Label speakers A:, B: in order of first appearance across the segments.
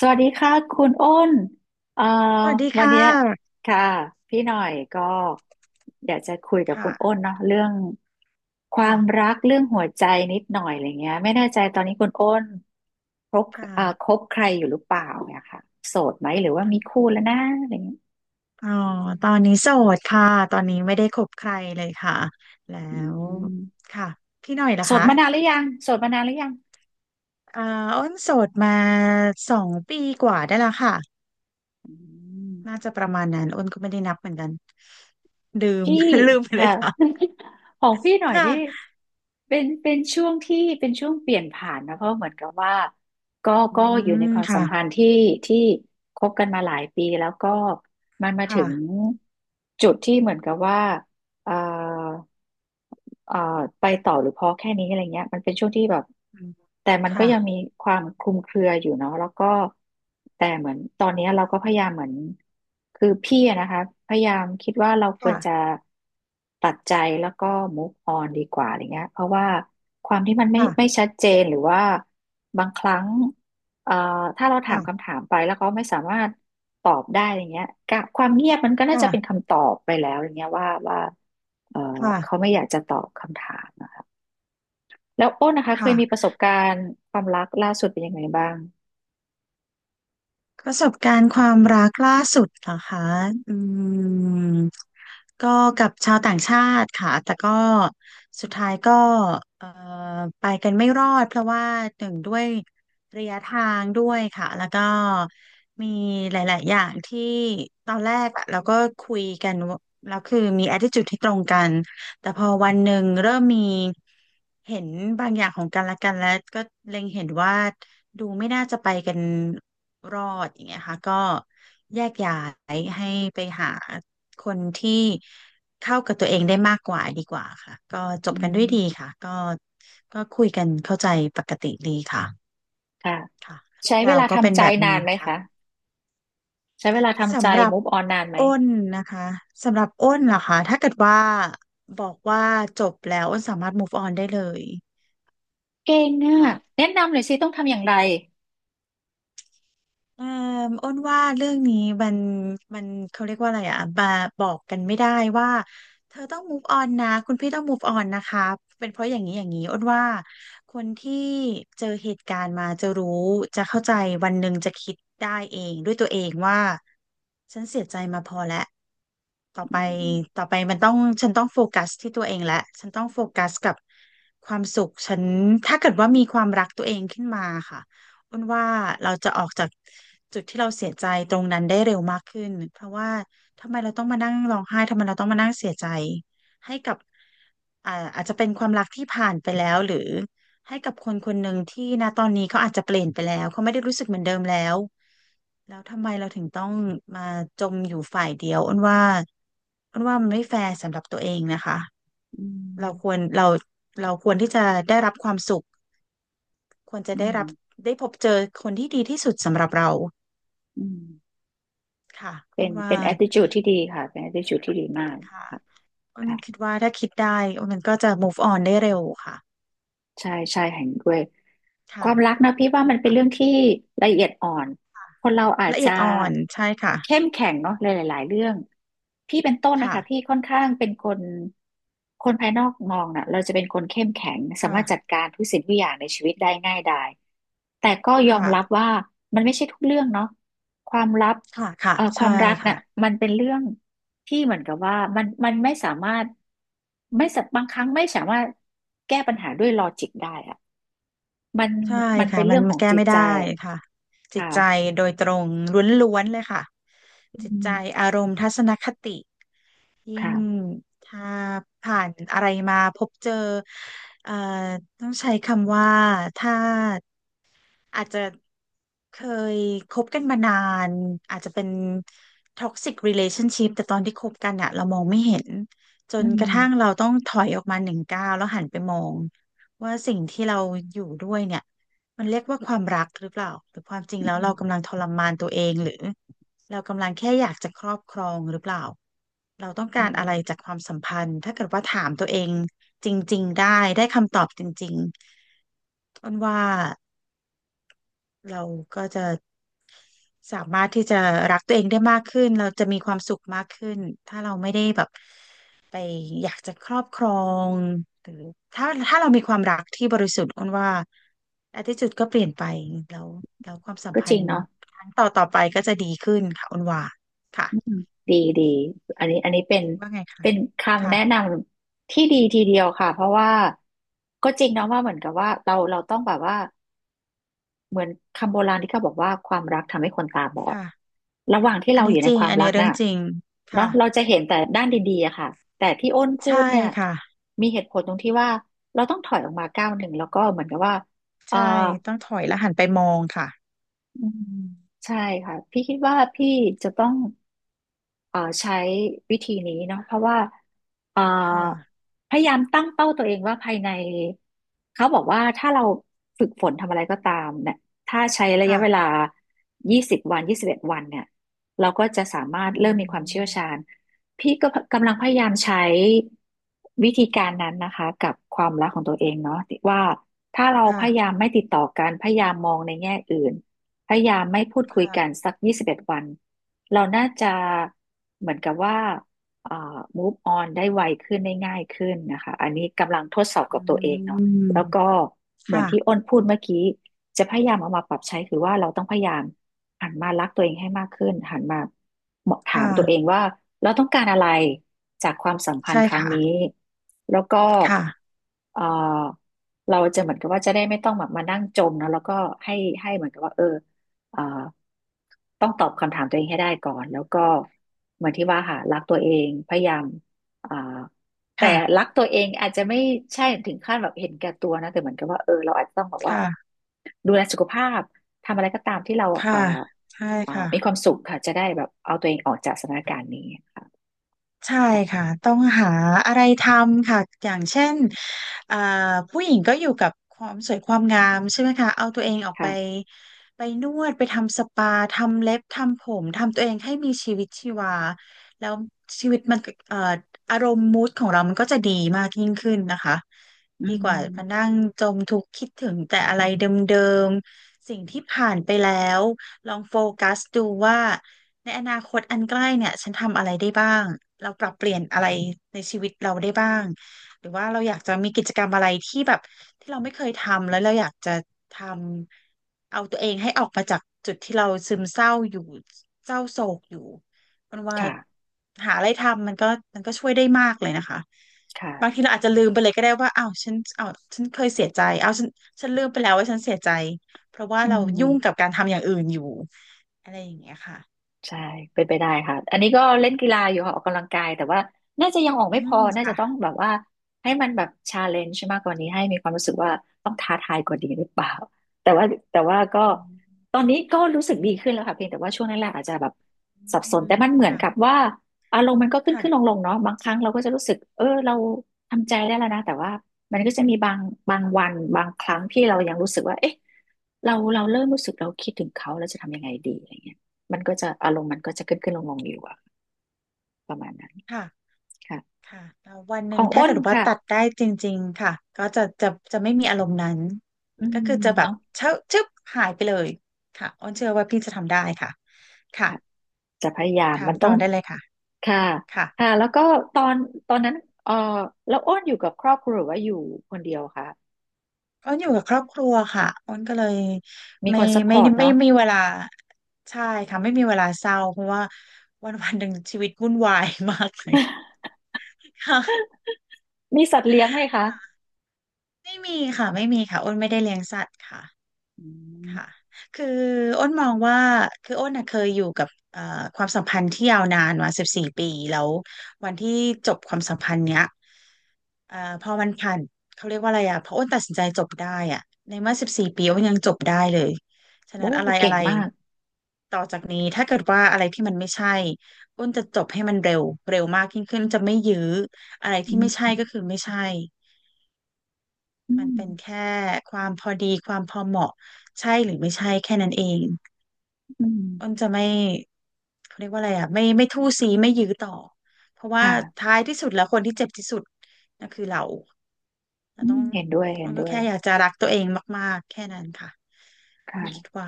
A: สวัสดีค่ะคุณอ้นเอ่อ
B: สวัสดี
A: วัน
B: ค่
A: เนี้ย
B: ะ
A: ค่ะพี่หน่อยก็อยากจะคุยกับคุ
B: ค่ะ
A: ณอ้นเนาะเรื่องความ
B: ค่ะ
A: รักเรื่องหัวใจนิดหน่อยอะไรเงี้ยไม่แน่ใจตอนนี้คุณอ้นคบ
B: ค
A: ค
B: ่ะ
A: บใครอยู่หรือเปล่าเนี่ยค่ะโสดไหมหรือว่ามีคู่แล้วนะอะไรเงี้ย
B: อ๋อตอนนี้โสดค่ะ ตอนนี้ไม่ได้คบใครเลยค่ะ แล้
A: อื
B: ว
A: ม
B: ค่ะพี่หน่อยล่ะ
A: โสดมานานห
B: คะ
A: รือยังโสดมานานหรือยัง
B: เอ่ออ้นโสดมา2 ปีกว่าได้แล้วค่ะ
A: อื
B: น่า
A: ม
B: จะประมาณนั้นอ้นก็ไม่ได้นับเหมือนกันลืม
A: พี่
B: ลืมไปเล
A: ค่ะ
B: ยค่ะ
A: ของพี่หน่อยนี่
B: ค่ะ
A: เป็นช่วงที่เป็นช่วงเปลี่ยนผ่านนะเพราะเหมือนกับว่าก็
B: อื
A: ก็อยู่ใน
B: ม
A: ความสั
B: ค่ะ
A: มพันธ์ที่คบกันมาหลายปีแล้วก็มันมาถึ
B: ค่ะ
A: งจุดที่เหมือนกับว่าเอ่อ เอ่อไปต่อหรือพอแค่นี้อะไรเงี้ยมันเป็นช่วงที่แบบ
B: อืม
A: แต่มันก็
B: ค่ะ
A: ยังมีความคลุมเครืออยู่เนาะแล้วก็แต่เหมือนตอนเนี้ยเราก็พยายามเหมือนคือพี่อะนะคะพยายามคิดว่าเราควร
B: ค่ะ
A: จะตัดใจแล้วก็ move on ดีกว่าอะไรเงี้ยเพราะว่าความที่มันไม่
B: ค่ะ
A: ไม่ชัดเจนหรือว่าบางครั้ง เอ่อถ้าเราถาม
B: ค่ะ
A: คำถามไปแล้วเขาไม่สามารถตอบได้อย่างเงี้ยกะความเงียบมันก็น่าจะเป็น
B: ค่ะ
A: คำตอบไปแล้วอย่างเงี้ยว่าเอ่อ
B: ค่ะ
A: เขาไม่อยากจะตอบคำถามนะคะแล้วโอ้นนะคะเคยมีป
B: ค่ะ
A: ระสบการณ์ความรักล่าสุดเป็นยังไงบ้าง
B: ประสบการณ์ความรักล่าสุดเหรอคะอืมก็กับชาวต่างชาติค่ะแต่ก็สุดท้ายก็เอ่อไปกันไม่รอดเพราะว่าหนึ่งด้วยระยะทางด้วยค่ะแล้วก็มีหลายๆอย่างที่ตอนแรกอะเราก็คุยกันว่าแล้วคือมี attitude ที่ตรงกันแต่พอวันหนึ่งเริ่มมีเห็นบางอย่างของกันและกันแล้วก็เล็งเห็นว่าดูไม่น่าจะไปกัน รอดอย่างเงี้ยค่ะก็แยกย้ายให้ไปหาคนที่เข้ากับตัวเองได้มากกว่าดีกว่าค่ะก็จ
A: อื
B: บกันด้ว
A: ม
B: ยดีค่ะก็ก็คุยกันเข้าใจปกติดีค่ะ
A: ค่ะ
B: ค่ะเรื่อ
A: ใช้
B: ง
A: เว
B: ราว
A: ลา
B: ก็เป็น
A: ทำใจ
B: แบบ
A: นา
B: นี้
A: นไหม
B: ค่ะ
A: คะใช้เวลาทำใจ
B: สำหรับ
A: move on นานไหม
B: อ้นนะคะสำหรับอ้นล่ะคะถ้าเกิดว่าบอกว่าจบแล้วอ้นสามารถ move on ได้เลย
A: เก่งอ
B: ค่ะ
A: ่ะแนะนำหน่อยสิต้องทำอย่างไร
B: เอ่ออ้นว่าเรื่องนี้มันมันเขาเรียกว่าอะไรอ่ะบอกกันไม่ได้ว่าเธอต้อง move on นะคุณพี่ต้อง move on นะคะเป็นเพราะอย่างนี้อย่างนี้อ้นว่าคนที่เจอเหตุการณ์มาจะรู้จะเข้าใจวันหนึ่งจะคิดได้เองด้วยตัวเองว่าฉันเสียใจมาพอแล้วต่อ
A: อื
B: ไปต่
A: ม
B: อไปมันต้องฉันต้องโฟกัสที่ตัวเองและฉันต้องโฟกัสกับความสุขฉันถ้าเกิดว่ามีความรักตัวเองขึ้นมาค่ะ อ้นว่าเราจะออกจากจุดที่เราเสียใจตรงนั้นได้เร็วมากขึ้นเพราะว่าทำไมเราต้องมานั่งร้องไห้ทำไมเราต้องมานั่งเสียใจให้กับอาจจะเป็นความรักที่ผ่านไปแล้วหรือให้กับคนคนหนึ่งที่ณตอนนี้เขาอาจจะเปลี่ยนไปแล้วเขาไม่ได้รู้สึกเหมือนเดิมแล้วแล้วทำไมเราถึงต้องมาจมอยู่ฝ่ายเดียวอ้นว่ามันไม่แฟร์สำหรับตัวเองนะคะ
A: อื
B: เราคว
A: ม
B: รเราเราควรที่จะได้รับความสุขควรจะ
A: อื
B: ได้รับ
A: ม
B: ได้พบเจอคนที่ดีที่สุดสำหรับเรา
A: อืม
B: ค่ะอ้
A: เป็น
B: นว่า
A: เป็น attitude ที่ดีค่ะเป็น attitude ที่ดีมาก
B: ค่ะ
A: ค่ะ
B: อ้น
A: ค่ะ
B: คิดว่าถ้าคิดได้อ้นมันก็จะ move on ได้เร็วค่ะ
A: ใช่ใช่เห็นด้วยค
B: ค่ะ
A: วามรักนะพี่
B: ใช่
A: ว่า
B: ไหม
A: มันเป็น
B: คะ
A: เรื่องที่ละเอียดอ่อน
B: ค่ะ
A: คนเราอาจ
B: ละเอี
A: จะ
B: ยดอ่อนใช่ค่ะ
A: เข้มแข็งเนาะหลายๆเรื่องพี่เป็นต้นนะ
B: ค่ะ
A: คะพี่ค่อนข้างเป็นคนคนภายนอกมองน่ะเราจะเป็นคนเข้มแข็งสามารถจัด
B: ค่ะ
A: การทุกสิ่งทุกอย่างในชีวิตได้ง่ายดายแต่ก็ยอมรับ
B: ค่ะ
A: ว่ามันไม่ใช่ทุกเรื่องเนาะความลับ
B: ค่ะค่ะ
A: ควา
B: ใช่
A: มรักน่ะ
B: ค่ะ
A: มันเป็นเรื่อง ที่เหมือนกับว่ามันไม่สามารถไม่สะบางครั้งไม่สามารถแก้ปัญหาด้วยลอจิกได้อะมัน
B: ใช่
A: มัน
B: ค่ะ
A: เป็น
B: มั
A: เรื่
B: น
A: องข
B: มั
A: อ
B: น
A: ง
B: แก้
A: จิต
B: ไม่
A: ใจ
B: ได้ค่ะจิต
A: ค่ะ
B: ใจโดยตรงล้วนๆเลยค่ะจิต
A: อื
B: ใจ
A: ม
B: อารมณ์ทัศนคติยิ่ง
A: ค่ะ
B: ถ้าผ่านอะไรมาพบเจอเอ่อต้องใช้คำว่าถ้า อาจจะเคยคบกันมานานอาจจะเป็นท็อกซิก relationship แต่ตอนที่คบกันอะเรามองไม่เห็นจ
A: อื
B: นกระทั่ง
A: ม
B: เราต้องถอยออกมา1 ก้าวแล้วหันไปมองว่าสิ่งที่เราอยู่ด้วยเนี่ยมันเรียกว่าความรักหรือเปล่าหรือความจริง
A: อื
B: แล้ว
A: ม
B: เรากำลังทรมานตัวเองหรือเรากำลังแค่อยากจะครอบครองหรือเปล่าเราต้อง
A: อื
B: การ
A: ม
B: อะไรจากความสัมพันธ์ถ้าเกิดว่าถามตัวเองจริงๆได้คำตอบจริงๆอ้นว่าเราก็จะ สามารถที่จะรักตัวเองได้มากขึ้น เราจะมีความสุขมากขึ้น ถ้าเราไม่ได้แบบไปอยากจะครอบครองหรือถ้าเรามีความรักที่บริสุทธิ์อ้นว่า attitude ก็เปลี่ยนไปแล้วแล้วความสัม
A: ก็
B: พั
A: จริ
B: น
A: ง
B: ธ์
A: เนาะ
B: ครั้งต่อไปก็จะดีขึ้นค่ะอ้นว่าค่ะ
A: อืมดีดีอันนี้อันนี้เป็น
B: คิดว่าไงคะ
A: เป็นคำแนะน
B: ค่ะ
A: ำที่ดีทีเดียวค่ะเพราะว่าก็จริงเนาะว่าเหมือนกับว่าเราต้องแบบว่า เหมือนคำโบราณที่เขาบอกว่าความรักทำให้คนตาบอด
B: ค่ะ
A: ระหว่างที่
B: อัน
A: เราอ
B: นี้
A: ยู่ใน
B: จริ
A: ค
B: ง
A: วาม
B: อัน
A: รั
B: นี้
A: ก
B: เรื่อ
A: น่ะ
B: งจริง
A: เนาะ
B: ค่ะ
A: เราจะเห็นแต่ด้านดีๆอะค่ะแต่ที่อ้นพู
B: ใช่
A: ดเนี่ย
B: ค่ะ
A: มีเหตุผลตรงที่ว่าเราต้องถอยออกมาก้าวหนึ่งแล้วก็เหมือนกับว่าเออ
B: ใช่ต้องถอยแล้วหันไปมองค่ะ
A: อืมใช่ค่ะพี่คิดว่าพี่จะต้อง ใช้วิธีนี้เนาะเพราะว่าเอ่อ
B: ค่ะ
A: พยายามตั้งเป้าตัวเองว่าภายในเขาบอกว่าถ้าเราฝึกฝนทำอะไรก็ตามเนี่ยถ้าใช้ระยะเวลา
B: ค่ะ
A: 20วัน21วันเนี่ยเราก็จะสามาร
B: อื
A: ถเริ่มมีความเชี่
B: ม
A: ยวชาญพี่ก็กำลังพยายามใช้วิธีการนั้นนะคะกับความรักของตัวเองเนาะว่าถ้าเราพยา
B: ค่ะ
A: ยามไม่ติดต่อกันพยายามมองในแง่อื่นพยายามไม่พูดคุยกัน
B: ค่ะ
A: สัก21วัน เราน่าจะเหมือนกับว่าเอ่อ move on ได้ไวขึ้นได้ง่ายขึ้นนะคะอันนี้กำลังทดสอบ
B: อื
A: กับตัวเองเนาะ
B: ม
A: แล้วก็เหมือนที่
B: ค่ะ
A: อ้นพูดเมื่อกี้จะพยายามเอามาปรับใช้คือว่าเราต้องพยายามหันมารักตัวเองให้มากขึ้นหันมาถา
B: ค่ะ
A: มตัวเองว่าเราต้องการอะไรจากความสัมพัน
B: ใช่
A: ธ์ครั้ง
B: ค่ะ
A: นี้แล้วก็
B: ค่ะ
A: เอ่อเราจะเหมือนกับว่าจะได้ไม่ต้องแบบมานั่งจมเนอะแล้วก็ให้ให้เหมือนกับว่าเออ เอ่อต้องตอบคำถามตัวเองให้ได้ก่อนแล้วก็เหมือนที่ว่าค่ะรักตัวเองพยายามเอ่อแต่
B: ค่ะ
A: รักตัวเองอาจจะไม่ใช่ถึงขั้นแบบเห็นแก่ตัวนะแต่เหมือนกับว่าเออเราอาจจะต้องแบบว่า
B: ค่ะ
A: ดูแลสุขภาพทำอะไรก็ตามที่เรา
B: ค่ะใช่ค่ะ
A: มีความสุขค่ะจะได้แบบเอาตัวเองออกจากสถานการณ์นี้ค่ะ
B: ใช่
A: ค่ะ
B: ค่ะต้องหาอะไรทำค่ะอย่างเช่นอ่าผู้หญิงก็อยู่กับความสวยความงามใช่ไหมคะเอาตัวเองออกไป
A: ค่ะ
B: ไปนวดไปทำสปาทำเล็บทำผมทำตัวเองให้มีชีวิตชีวาแล้วชีวิตมันเอ่ออารมณ์มูดของเรามันก็จะดีมากยิ่งขึ้นนะคะ
A: อื
B: ดีกว่ามา
A: ม
B: นั่งจมทุกข์คิดถึงแต่อะไรเดิมๆสิ่งที่ผ่านไปแล้วลองโฟกัสดูว่า ในอนาคตอันใกล้เนี่ยฉันทำอะไรได้บ้างเราปรับเปลี่ยนอะไรในชีวิตเราได้บ้างหรือว่าเราอยากจะมีกิจกรรมอะไรที่แบบที่เราไม่เคยทำแล้วเราอยากจะทำเอาตัวเองให้ออกมาจากจุดที่เราซึมเศร้าอยู่เศร้าโศกอยู่มันว่า
A: ค่ะ
B: หาอะไรทำมันก็ช่วยได้มากเลยนะคะ
A: ค่ะ
B: บางทีเราอาจจะลืมไปเลยก็ได้ว่าอ้าวฉันเคยเสียใจอ้าวฉันลืมไปแล้วว่าฉันเสียใจเพราะว่า
A: อื
B: เรายุ่งกับ
A: ม
B: การทำอย่างอื่นอยู่อะไรอย่างเงี้ยค่ะ
A: ใช่เป็นไปได้ค่ะอันนี้ก็เล่นกีฬาอยู่ค่ะออกกำลังกายแต่ว่าน่าจะยังออก
B: อื
A: ไม่พอ
B: ม
A: น่าจะต้อง
B: ค่ะ
A: แบบว่าให้มันแบบชาเลนจ์มากกว่านี้ให้มีความรู้สึกว่าต้องท้าทายกว่านี้หรือเปล่าแต่ว่าแต่ว่าก็
B: อื
A: ตอนนี้ก็รู้สึกดีขึ้นแล้วค่ะเพียงแต่ว่าช่วงแรกๆอาจจะแบบสับสนแต่
B: ม
A: มันเหมือน
B: ค่ะ
A: กับว่าอารมณ์มันก็ขึ้นขึ้นลง
B: ค่ะ
A: ลงเนาะบางครั้งเราก็จะรู้สึกเออเราทำใจได้แล้วนะแต่ว่ามันก็จะมีบางวันบางครั้งที่เรายังรู้สึกว่าเอ๊ะเราเริ่มรู้สึกเราคิดถึงเขาแล้วจะทำยังไงดีอะไรเงี้ย มันก็จะอารมณ์มันก็จะขึ้นขึ้นลงลงอยู่อะประมาณนั้น
B: ค่ะ
A: ค่ะ
B: ค่ะแต่วันห
A: ข
B: นึ่ง
A: อง
B: ถ้า
A: อ้น
B: เกิดว่า
A: ค่ะ
B: ตัดได้จริงๆค่ะก็จะไม่มีอารมณ์นั้น
A: อื
B: ก็
A: ม
B: คือจะแบบ
A: เนาะ
B: เชิบชึบหายไปเลยค่ะอ้นเชื่อว่าพี่จะทำได้ค่ะค่ะ
A: ค่ะจะพยายาม
B: ถาม
A: มันต้
B: ต่
A: อ
B: อ
A: ง
B: ได้เลยค่ะ
A: ค่ะ
B: ค่ะ
A: ค่ะแล้วก็ตอนตอนนั้นเออแล้วอ้นอยู่กับครอบครัวหรือว่าอยู่คนเดียวคะ
B: อ้นอยู่กับครอบครัวค่ะอ้นก็เลย
A: มี
B: ไม่
A: คนซัพพ
B: ไม่
A: อร์ต
B: ไม่ไม่
A: เนาะ
B: ไมมีเวลาใช่ค่ะไม่มีเวลาเศร้าเพราะว่าวันวันหนึ่งชีวิตวุ่นวายมากเลยค่ะ
A: มีสัตว์เลี้ยงไหมคะ
B: ไม่มีค่ะไม่มีค่ะอ้นไม่ได้เลี้ยงสัตว์ค่ะ
A: อืม
B: ค่ะคืออ้นมองว่า คืออ้นน่ะเคยอยู่กับความสัมพันธ์ที่ยาวนานมาสิบสี่ปีแล้ววันที่จบความสัมพันธ์เนี้ยพอมันผ่านเขาเรียกว่าอะไรอ่ะพออ้นตัดสินใจจบได้อ่ะในเมื่อสิบสี่ปีอ้นยังจบได้เลย ฉะ
A: โอ้
B: นั้นอะไร
A: เก่
B: อะ
A: ง
B: ไร
A: มาก
B: ต่อจากนี้ ถ้าเกิดว่าอะไรที่มันไม่ใช่ อ้นจะจบให้มันเร็ว เร็วมากยิ่งขึ้นจะไม่ยื้ออะไรที่
A: อื
B: ไม่ใช่
A: ม
B: ก็คือไม่ใช่
A: อื
B: มัน
A: ม
B: เป็นแค่ความพอดีความพอเหมาะใช่หรือไม่ใช่แค่นั้นเอง
A: อื
B: อ้น
A: ม
B: จะไม่เขาเรียกว่าอะไรอ่ะไม่ทู่ซีไม่ยื้อต่อเพราะว่า
A: ค่ะ
B: ท้ายที่สุดแล้วคนที่เจ็บที่สุดนั่นคือเราเรา
A: อื
B: ต้อ
A: ม
B: ง
A: เห็นด้วยเห็
B: อ้
A: น
B: น
A: ด้
B: ก็
A: วย
B: แค่อยากจะรักตัวเองมากๆแค่นั้นค่ะอ้นคิด
A: ค่ะ
B: ว่า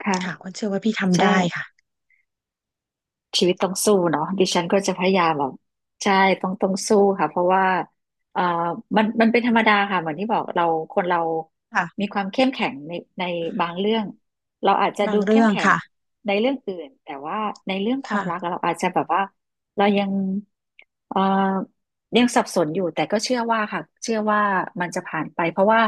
A: ค่ะ
B: ค่ะอ้นเชื่อว่าพี่ทำ
A: ใช่
B: ได้ค่ะ
A: ชีวิตต้องสู้เนาะดิฉันก็จะพยายามแบบใช่ต้องสู้ค่ะเพราะว่าเอ่อมันมันเป็นธรรมดาค่ะเหมือนที่บอกเราคนเรา
B: ค่ะ
A: มีความเข้มแข็งในบางเรื่องเราอาจจะ
B: บา
A: ดู
B: ง
A: เข้
B: เรื่
A: ม
B: อง
A: แข็ง
B: ค่ะ
A: ในเรื่องอื่นแต่ว่าในเรื่องความ
B: ค่ะ
A: รักอะเราอาจจะแบบว่าเรายังเอ่อยังสับสนอยู่แต่ก็เชื่อว่าค่ะเชื่อว่ามันจะผ่านไปเพราะว่า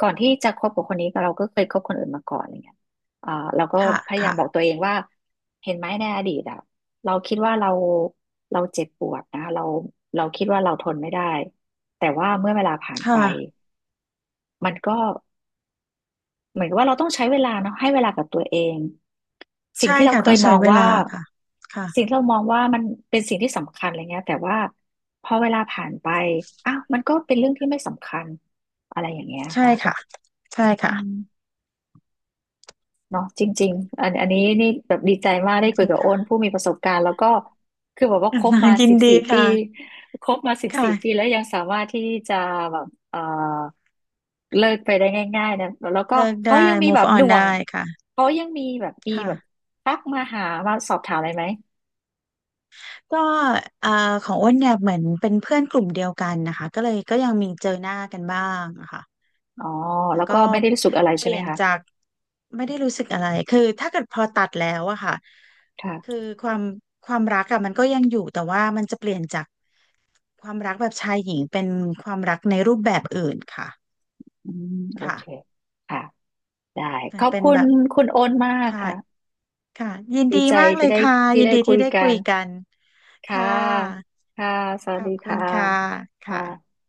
A: ก่อนที่จะคบกับคนนี้เราก็เคยคบคนอื่นมาก่อนอะไรเงี้ย อ่าแล้วก็
B: ค่ะ
A: พยายามบอก
B: ค่ะ
A: ตัวเองว่าเห็นไหมในอดีตอ่ะเราคิดว่าเราเจ็บปวดนะเราคิดว่าเราทนไม่ได้แต่ว่าเมื่อเวลาผ่านไป
B: ค่ะ
A: มันก็เหมือนกับว่าเราต้องใช้เวลาเนาะให้เวลากับตัวเองสิ่ง
B: ใช่
A: ที่เรา
B: ค่ะ
A: เค
B: ต้อ
A: ย
B: ง
A: ม
B: ใช้
A: อง
B: เว
A: ว่า
B: ลาค่ะค่ะ
A: สิ่งที่เรามองว่ามันเป็นสิ่งที่สำคัญอะไรเงี้ยแต่ว่าพอเวลาผ่านไปอ้าวมันก็เป็นเรื่องที่ไม่สำคัญอะไรอย่างเงี้ย
B: ใช่
A: ค่ะ
B: ค่ะใช่ค่ะ
A: อืม เนาะจริงๆอันนี้นี่แบบดีใจมาก
B: จ
A: ได้คุ
B: ริ
A: ย
B: ง
A: กับ
B: ๆ
A: โอ
B: ค่ะ
A: นผู้มีประสบการณ์แล้วก็คือแบบว่าคบมา
B: ยิ
A: สิ
B: น
A: บ
B: ดี
A: สี่ปี
B: ค่ะ
A: คบมาสิบสี่ปี
B: ค่ะ
A: แล้วยังสามารถที่จะแบบเลิกไปได้ง่ายๆนะแล้วก็
B: เลิก
A: เขา
B: ได้
A: ยังมีแบ
B: move
A: บ
B: on
A: ด่วง
B: ได้ค่ะ
A: เขายังมีแบบมี
B: ค่ะ
A: แบบทักมาหามาสอบถามอะไรไหม
B: ก็เอ่ของอ้นเนี่ยเหมือนเป็นเพื่อนกลุ่มเดียวกันนะคะ ก็เลยก็ยังมีเจอหน้ากันบ้างอะค่ะ
A: อ๋อ
B: แต่
A: แล้ว
B: ก็
A: ก็ไม่ได้รู้สึกอะไร
B: เป
A: ใช่ไห
B: ลี่
A: ม
B: ยน
A: คะ
B: จากไม่ได้รู้สึกอะไรคือถ้าเกิดพอตัดแล้วอะค่ะคือ
A: ค่ะ
B: ความความรักอะมันก็ยังอยู่แต่ว่ามันจะเปลี่ยนจากความรักแบบชายหญิงเป็นความรักในรูปแบบอื่นค่ะ
A: อืมโอเค
B: ค่ะ
A: ค่ะได้ขอบ
B: เป็น
A: คุ
B: แบ
A: ณ
B: บ
A: คุณโอนมาก
B: ค่ะ
A: ค่ะ
B: ค่ะยิน
A: ดี
B: ดี
A: ใจ
B: มากเล
A: ที่
B: ย
A: ได้
B: ค่ะ
A: ที่
B: ยิน
A: ได้
B: ดี
A: คุ
B: ที่
A: ย
B: ได้คุ
A: กั
B: ย
A: น
B: กัน
A: ค่ะ
B: ค่ะ
A: ค่ะสวั
B: ข
A: ส
B: อ
A: ดี
B: บคุณ
A: ค่ะ
B: ค่ะ
A: ค
B: ค่ะ
A: ่ะ